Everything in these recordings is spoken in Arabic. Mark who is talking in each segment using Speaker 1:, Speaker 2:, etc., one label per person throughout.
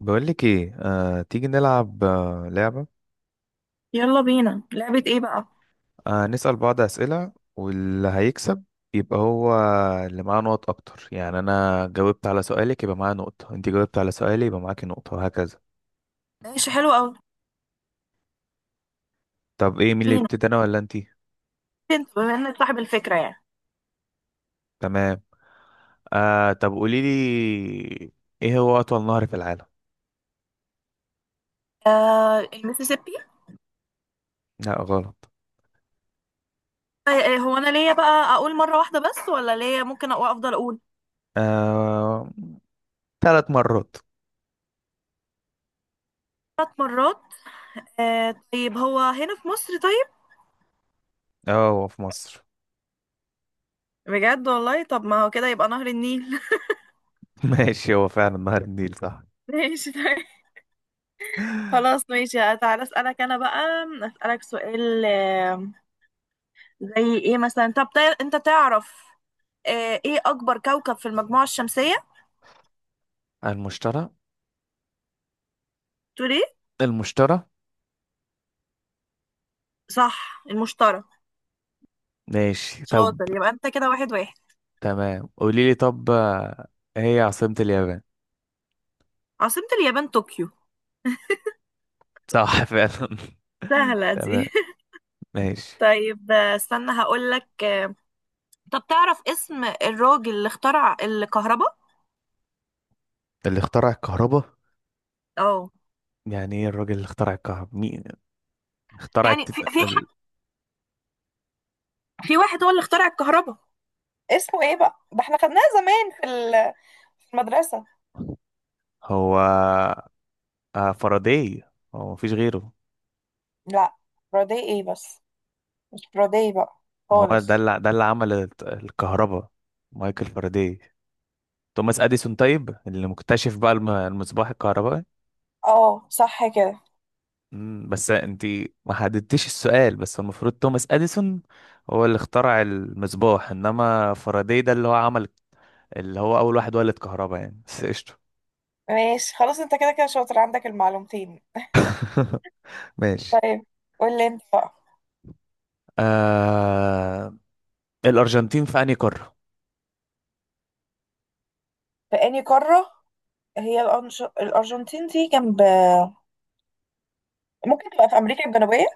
Speaker 1: بقولك ايه. تيجي نلعب لعبة.
Speaker 2: يلا بينا. لعبة ايه بقى؟
Speaker 1: نسأل بعض أسئلة، واللي هيكسب يبقى هو اللي معاه نقط أكتر. يعني أنا جاوبت على سؤالك يبقى معايا نقطة، أنت جاوبت على سؤالي يبقى معاكي نقطة، وهكذا.
Speaker 2: ماشي، حلو قوي.
Speaker 1: طب ايه، مين اللي
Speaker 2: بينا.
Speaker 1: يبتدي، أنا ولا أنتي؟
Speaker 2: انت بما انك صاحب الفكرة يعني.
Speaker 1: تمام. طب قوليلي، ايه هو أطول نهر في العالم؟
Speaker 2: المسيسيبي.
Speaker 1: لا، غلط.
Speaker 2: هو انا ليا بقى اقول مرة واحدة بس ولا ليا ممكن افضل اقول
Speaker 1: آه. ثلاث مرات.
Speaker 2: 3 مرات؟ طيب، هو هنا في مصر؟ طيب.
Speaker 1: اه، هو في مصر.
Speaker 2: بجد والله، طب ما هو كده يبقى نهر النيل.
Speaker 1: ماشي، هو فعلا نهر النيل، صح.
Speaker 2: ماشي طيب. خلاص ماشي، تعالى اسألك انا بقى. اسألك سؤال. زي ايه مثلا؟ طب انت تعرف ايه اكبر كوكب في المجموعة الشمسية؟
Speaker 1: المشترى.
Speaker 2: تقول ايه؟
Speaker 1: المشترى.
Speaker 2: صح، المشتري.
Speaker 1: ماشي، طب.
Speaker 2: شاطر، يبقى انت كده واحد واحد.
Speaker 1: تمام، قولي لي طب، هي عاصمة اليابان؟
Speaker 2: عاصمة اليابان طوكيو.
Speaker 1: صح فعلا.
Speaker 2: سهلة
Speaker 1: تمام.
Speaker 2: دي.
Speaker 1: ماشي.
Speaker 2: طيب استنى هقول لك طب تعرف اسم الراجل اللي اخترع الكهرباء؟
Speaker 1: اللي اخترع الكهرباء.
Speaker 2: اه.
Speaker 1: يعني ايه، الراجل اللي اخترع الكهرباء مين؟ اخترع
Speaker 2: يعني في واحد هو اللي اخترع الكهرباء، اسمه ايه بقى؟ ده احنا خدناها زمان في في المدرسة.
Speaker 1: هو فاراداي. هو، مفيش غيره؟
Speaker 2: لا، برودي ايه بس؟ مش برودي بقى،
Speaker 1: ما هو ده
Speaker 2: خالص.
Speaker 1: اللي، عمل الكهرباء، مايكل فاراداي. توماس اديسون طيب، اللي مكتشف بقى المصباح الكهربائي.
Speaker 2: اه، صح كده.
Speaker 1: بس انت ما حددتيش السؤال، بس المفروض توماس اديسون هو اللي اخترع المصباح، انما فاراداي ده اللي هو عمل، اللي هو اول واحد ولد كهرباء يعني، بس قشطه.
Speaker 2: ماشي، خلاص انت كده كده شاطر عندك المعلومتين.
Speaker 1: ماشي.
Speaker 2: طيب قول لي انت بقى.
Speaker 1: آه... الارجنتين في انهي قاره؟
Speaker 2: في انهي قارة؟ هي الأرجنتين دي جنب، ممكن تبقى في امريكا الجنوبيه.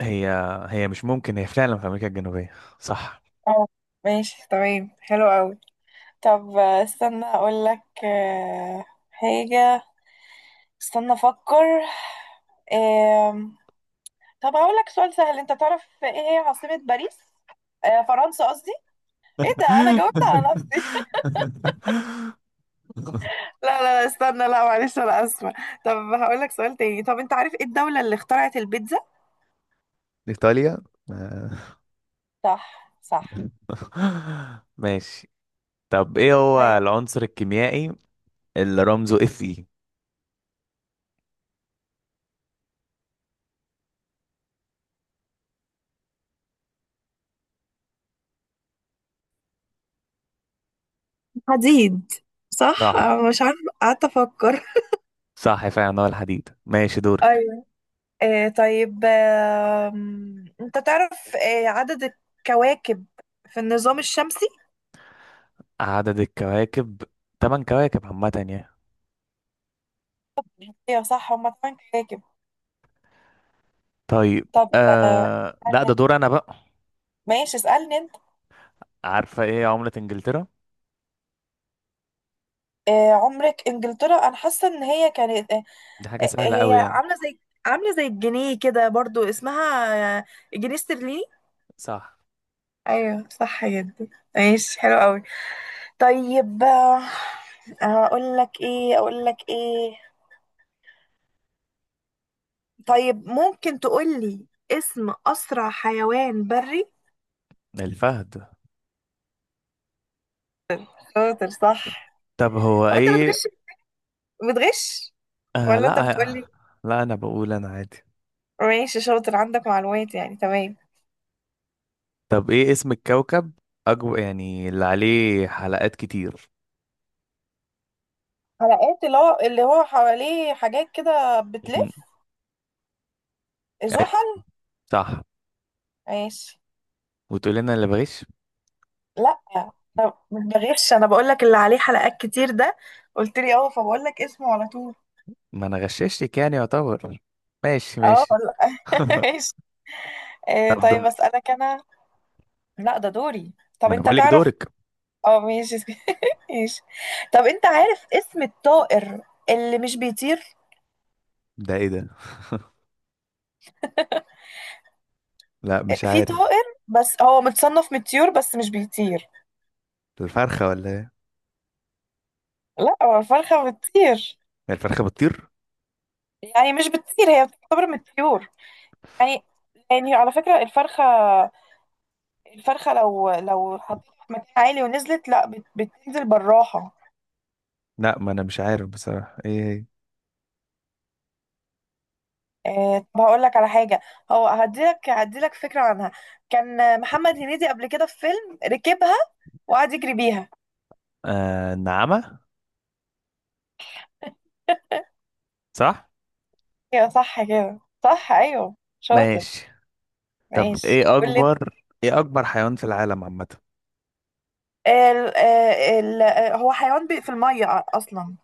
Speaker 1: هي هي مش ممكن، هي فعلا في امريكا الجنوبيه، صح.
Speaker 2: اه. ماشي، تمام حلو قوي. طب استنى اقول لك حاجه. استنى افكر. آم، طب هقول لك سؤال سهل. انت تعرف ايه هي عاصمه باريس؟ فرنسا قصدي. ايه ده، انا جاوبت على نفسي. لا لا لا، استنى، لا معلش انا اسفه. طب هقول لك سؤال تاني. طب انت عارف ايه الدولة اللي اخترعت البيتزا؟
Speaker 1: إيطاليا. آه،
Speaker 2: صح صح.
Speaker 1: ماشي. طب ايه هو
Speaker 2: طيب.
Speaker 1: العنصر الكيميائي اللي رمزه اف اي؟
Speaker 2: حديد. صح،
Speaker 1: صح،
Speaker 2: أنا مش عارفة، قعدت افكر.
Speaker 1: صح فعلا هو الحديد. ماشي، دورك.
Speaker 2: طيب، انت تعرف عدد الكواكب في النظام الشمسي؟
Speaker 1: عدد الكواكب، تمن كواكب عامة يعني.
Speaker 2: ايوه صح، هما 8 كواكب.
Speaker 1: طيب.
Speaker 2: طب
Speaker 1: لا،
Speaker 2: أنا-
Speaker 1: ده دور انا بقى.
Speaker 2: ماشي اسألني انت.
Speaker 1: عارفة ايه عملة انجلترا؟
Speaker 2: عمرك، انجلترا انا حاسة ان هي كانت
Speaker 1: دي حاجة سهلة
Speaker 2: هي
Speaker 1: قوي يعني.
Speaker 2: عاملة زي، عاملة زي الجنيه كده برضو، اسمها جنيه استرليني.
Speaker 1: صح.
Speaker 2: ايوه، صح جدا. ماشي، حلو قوي. طيب اقول لك ايه، اقول لك ايه. طيب ممكن تقولي اسم أسرع حيوان بري؟
Speaker 1: الفهد.
Speaker 2: شاطر، صح.
Speaker 1: طب هو
Speaker 2: هو أنت
Speaker 1: ايه؟
Speaker 2: بتغش؟ بتغش؟ ولا أنت بتقولي؟
Speaker 1: لا، لا، انا بقول انا عادي.
Speaker 2: ماشي، شاطر عندك معلومات يعني، تمام.
Speaker 1: طب ايه اسم الكوكب اكبر، يعني اللي عليه حلقات كتير؟
Speaker 2: حلقات، اللي هو حواليه حاجات كده
Speaker 1: مم.
Speaker 2: بتلف.
Speaker 1: ايوه،
Speaker 2: زحل.
Speaker 1: صح.
Speaker 2: ماشي.
Speaker 1: وتقول لنا اللي بغش.
Speaker 2: لا مش بغش، أنا بقول لك اللي عليه حلقات كتير ده قلت لي أه، فبقول لك اسمه على طول.
Speaker 1: ما انا غششتك يعني، يعتبر. ماشي،
Speaker 2: أه
Speaker 1: ماشي.
Speaker 2: لا. ماشي.
Speaker 1: طب
Speaker 2: طيب
Speaker 1: دورك.
Speaker 2: أسألك أنا. لا، ده دوري. طب
Speaker 1: ما انا
Speaker 2: أنت
Speaker 1: بقول لك
Speaker 2: تعرف.
Speaker 1: دورك.
Speaker 2: اه ماشي. ماشي. طب انت عارف اسم الطائر اللي مش بيطير؟
Speaker 1: ده ايه ده؟ لا، مش
Speaker 2: في
Speaker 1: عارف.
Speaker 2: طائر بس هو متصنف من الطيور بس مش بيطير.
Speaker 1: الفرخة ولا ايه؟
Speaker 2: لا، هو الفرخة بتطير؟
Speaker 1: هي الفرخة بتطير.
Speaker 2: يعني مش بتطير، هي بتعتبر من الطيور يعني. يعني على فكرة الفرخة، الفرخة لو حطيتها في مكان عالي ونزلت، لا بتنزل بالراحة.
Speaker 1: لا، ما انا مش عارف بصراحة ايه هي.
Speaker 2: طب هقول لك على حاجة، هو هديلك فكرة عنها. كان محمد هنيدي قبل كده في فيلم ركبها وقعد يجري بيها.
Speaker 1: النعامة. صح.
Speaker 2: ايوه صح كده، صح ايوه، شاطر.
Speaker 1: ماشي. طب
Speaker 2: ماشي.
Speaker 1: ايه
Speaker 2: قول لي ال
Speaker 1: اكبر ايه اكبر حيوان في العالم عامة؟
Speaker 2: ال آه، ال آه، هو حيوان بي في الميه اصلا،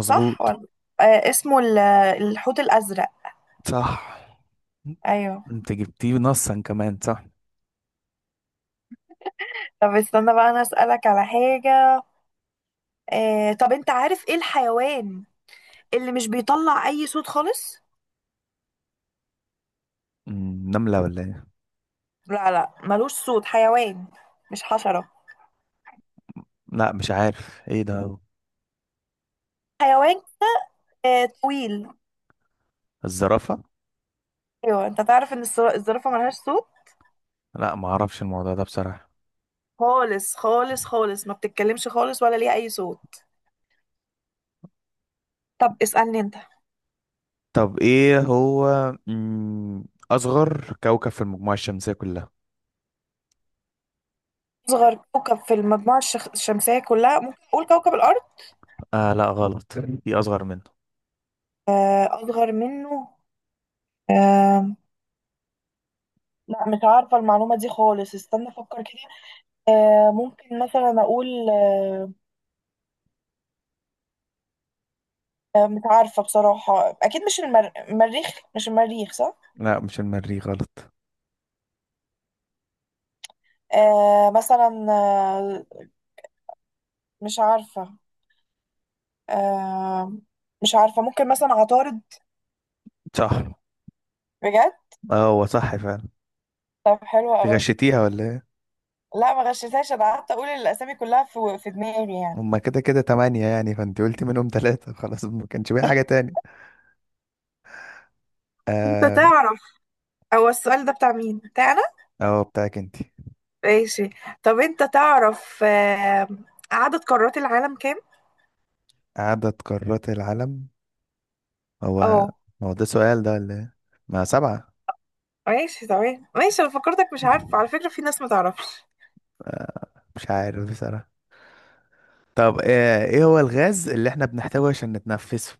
Speaker 2: صح ولا؟ اسمه الحوت الازرق.
Speaker 1: صح.
Speaker 2: ايوه.
Speaker 1: انت جبتيه نصا كمان، صح.
Speaker 2: طب استنى بقى انا اسالك على حاجه. طب انت عارف ايه الحيوان اللي مش بيطلع اي صوت خالص؟
Speaker 1: نملة ولا ايه؟
Speaker 2: لا لا، ملوش صوت، حيوان، مش حشره،
Speaker 1: لا، مش عارف ايه ده.
Speaker 2: حيوان طويل.
Speaker 1: الزرافة.
Speaker 2: ايوه، انت تعرف ان الزرافه ملهاش صوت
Speaker 1: لا، ما اعرفش الموضوع ده بصراحة.
Speaker 2: خالص خالص خالص، ما بتتكلمش خالص ولا ليها اي صوت. طب اسألني انت.
Speaker 1: طب ايه هو، اصغر كوكب في المجموعة الشمسية كلها؟
Speaker 2: أصغر كوكب في المجموعة الشمسية كلها؟ ممكن أقول كوكب الأرض.
Speaker 1: لا، غلط. في اصغر منه.
Speaker 2: أصغر منه. آه، لا مش عارفة المعلومة دي خالص، استنى أفكر كده. ممكن مثلا أقول مش عارفة بصراحة. أكيد مش المريخ، مش المريخ صح؟
Speaker 1: لا، مش المريخ، غلط.
Speaker 2: مثلا مش عارفة. آه، مش عارفة، ممكن مثلا عطارد.
Speaker 1: صح،
Speaker 2: بجد؟
Speaker 1: اه هو صح فعلا.
Speaker 2: طب حلوة
Speaker 1: في،
Speaker 2: أوي.
Speaker 1: غشيتيها ولا ايه؟
Speaker 2: لا ما غشيتهاش، أنا قعدت أقول الأسامي كلها في دماغي يعني.
Speaker 1: هما كده كده تمانية يعني، فانت قلتي منهم تلاتة، خلاص ما كانش بقى حاجة تاني.
Speaker 2: انت
Speaker 1: اه.
Speaker 2: تعرف، هو السؤال ده بتاع مين؟ بتاع أنا؟
Speaker 1: اه، بتاعك انت.
Speaker 2: ماشي. طب أنت تعرف عدد قارات العالم كام؟
Speaker 1: عدد قارات العالم. هو
Speaker 2: اه.
Speaker 1: هو ده سؤال ده ولا ايه؟ ما سبعة.
Speaker 2: ماشي تمام، ماشي. أنا فكرتك، مش عارفة، على فكرة في ناس ما تعرفش.
Speaker 1: آه، مش عارف بصراحة. طب ايه هو الغاز اللي احنا بنحتاجه عشان نتنفسه؟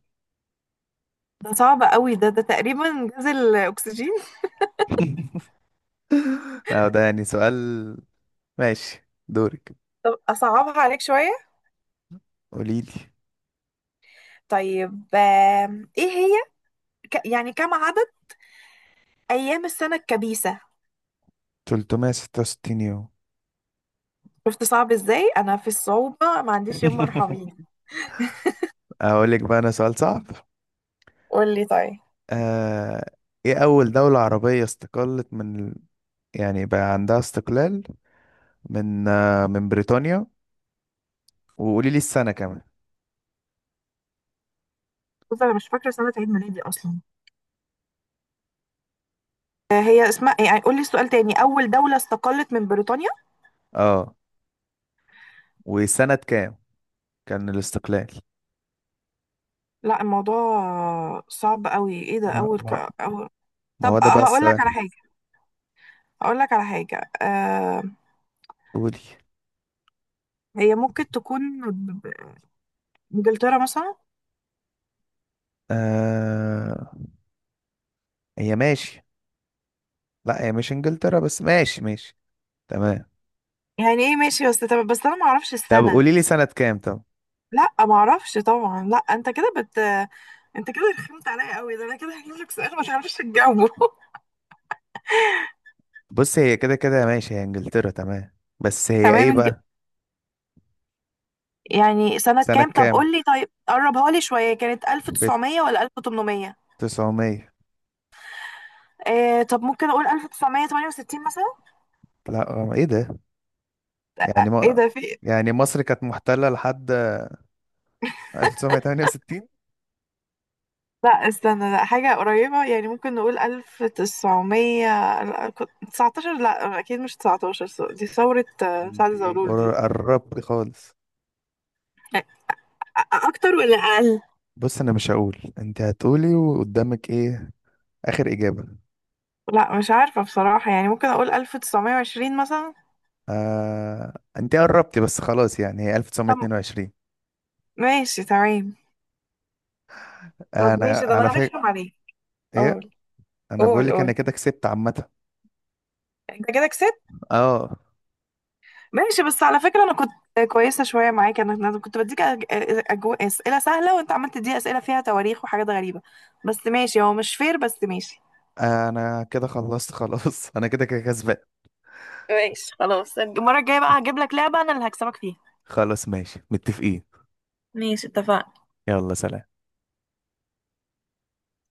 Speaker 2: ده صعب قوي، ده تقريبا جزء الأكسجين.
Speaker 1: اه، ده يعني سؤال. ماشي، دورك.
Speaker 2: طب أصعبها عليك شوية.
Speaker 1: قوليلي.
Speaker 2: طيب إيه هي يعني كم عدد أيام السنة الكبيسة؟
Speaker 1: 366 يوم.
Speaker 2: شفت صعب إزاي؟ أنا في الصعوبة ما عنديش يوم مرحمين.
Speaker 1: اقول لك بقى انا سؤال صعب.
Speaker 2: قول لي طيب.
Speaker 1: آه، ايه اول دولة عربية استقلت يعني بقى عندها استقلال، من بريطانيا، وقولي لي السنة كمان.
Speaker 2: بص أنا مش فاكرة سنة عيد ميلادي أصلا. هي اسمها يعني، قول لي السؤال تاني. أول دولة استقلت من بريطانيا؟
Speaker 1: اه. وسنة كام كان الاستقلال؟
Speaker 2: لا، الموضوع صعب قوي. ايه ده،
Speaker 1: ما,
Speaker 2: اول
Speaker 1: ما,
Speaker 2: أول...
Speaker 1: ما
Speaker 2: طب
Speaker 1: هو ده بقى
Speaker 2: هقول لك على
Speaker 1: السؤال.
Speaker 2: حاجه، هقول لك على حاجه.
Speaker 1: قولي.
Speaker 2: هي ممكن تكون ب- ب- انجلترا مثلا.
Speaker 1: آه هي ماشي. لا، هي مش انجلترا، بس ماشي، ماشي. تمام.
Speaker 2: يعني ايه ماشي؟ بس طب بس انا ما اعرفش
Speaker 1: طب
Speaker 2: السنه.
Speaker 1: قولي لي سنة كام طب.
Speaker 2: لا ما اعرفش طبعا. لا، انت كده انت كده رخمت عليا قوي. ده انا كده هجيب لك سؤال ما تعرفش تجاوبه.
Speaker 1: بص، هي كده كده ماشي، هي انجلترا تمام، بس هي
Speaker 2: تمام.
Speaker 1: ايه بقى.
Speaker 2: يعني سنه
Speaker 1: سنة
Speaker 2: كام طب؟
Speaker 1: كام؟
Speaker 2: قول لي طيب، قربها لي شويه، كانت
Speaker 1: في
Speaker 2: 1900 ولا 1800؟
Speaker 1: 900.
Speaker 2: طب ممكن اقول 1968 مثلا.
Speaker 1: لا، ايه ده، يعني
Speaker 2: ايه
Speaker 1: ما،
Speaker 2: ده في؟
Speaker 1: يعني مصر كانت محتلة لحد 1968؟
Speaker 2: لا استنى، لا، حاجة قريبة يعني. ممكن نقول 1919. لا أكيد مش تسعتاشر، دي ثورة
Speaker 1: انت
Speaker 2: سعد زغلول دي.
Speaker 1: قربتي خالص.
Speaker 2: أ- اكتر ولا اقل؟
Speaker 1: بص، انا مش هقول، انت هتقولي وقدامك ايه، اخر اجابة.
Speaker 2: لا مش عارفة بصراحة، يعني ممكن أقول 1920 مثلا.
Speaker 1: انت قربتي بس، خلاص يعني هي
Speaker 2: طب
Speaker 1: 1922.
Speaker 2: ماشي تمام. طب
Speaker 1: انا
Speaker 2: ماشي، ده
Speaker 1: على
Speaker 2: أنا هرخم
Speaker 1: فكرة.
Speaker 2: عليك.
Speaker 1: ايه.
Speaker 2: قول
Speaker 1: انا بقول
Speaker 2: قول
Speaker 1: لك انا
Speaker 2: قول.
Speaker 1: كده كسبت عامة.
Speaker 2: أنت كده كسبت.
Speaker 1: اه.
Speaker 2: ماشي، بس على فكرة أنا كنت كويسة شوية معاك. أنا كنت بديك أسئلة سهلة، وأنت عملت تدي أسئلة فيها تواريخ وحاجات غريبة. بس ماشي، هو مش فير بس ماشي.
Speaker 1: انا كده خلصت خلاص. انا كده كده كسبان.
Speaker 2: ماشي خلاص، المرة الجاية بقى هجيب لك لعبة أنا اللي هكسبك فيها.
Speaker 1: خلاص، ماشي، متفقين.
Speaker 2: ماشي، اتفقنا.
Speaker 1: يلا، سلام.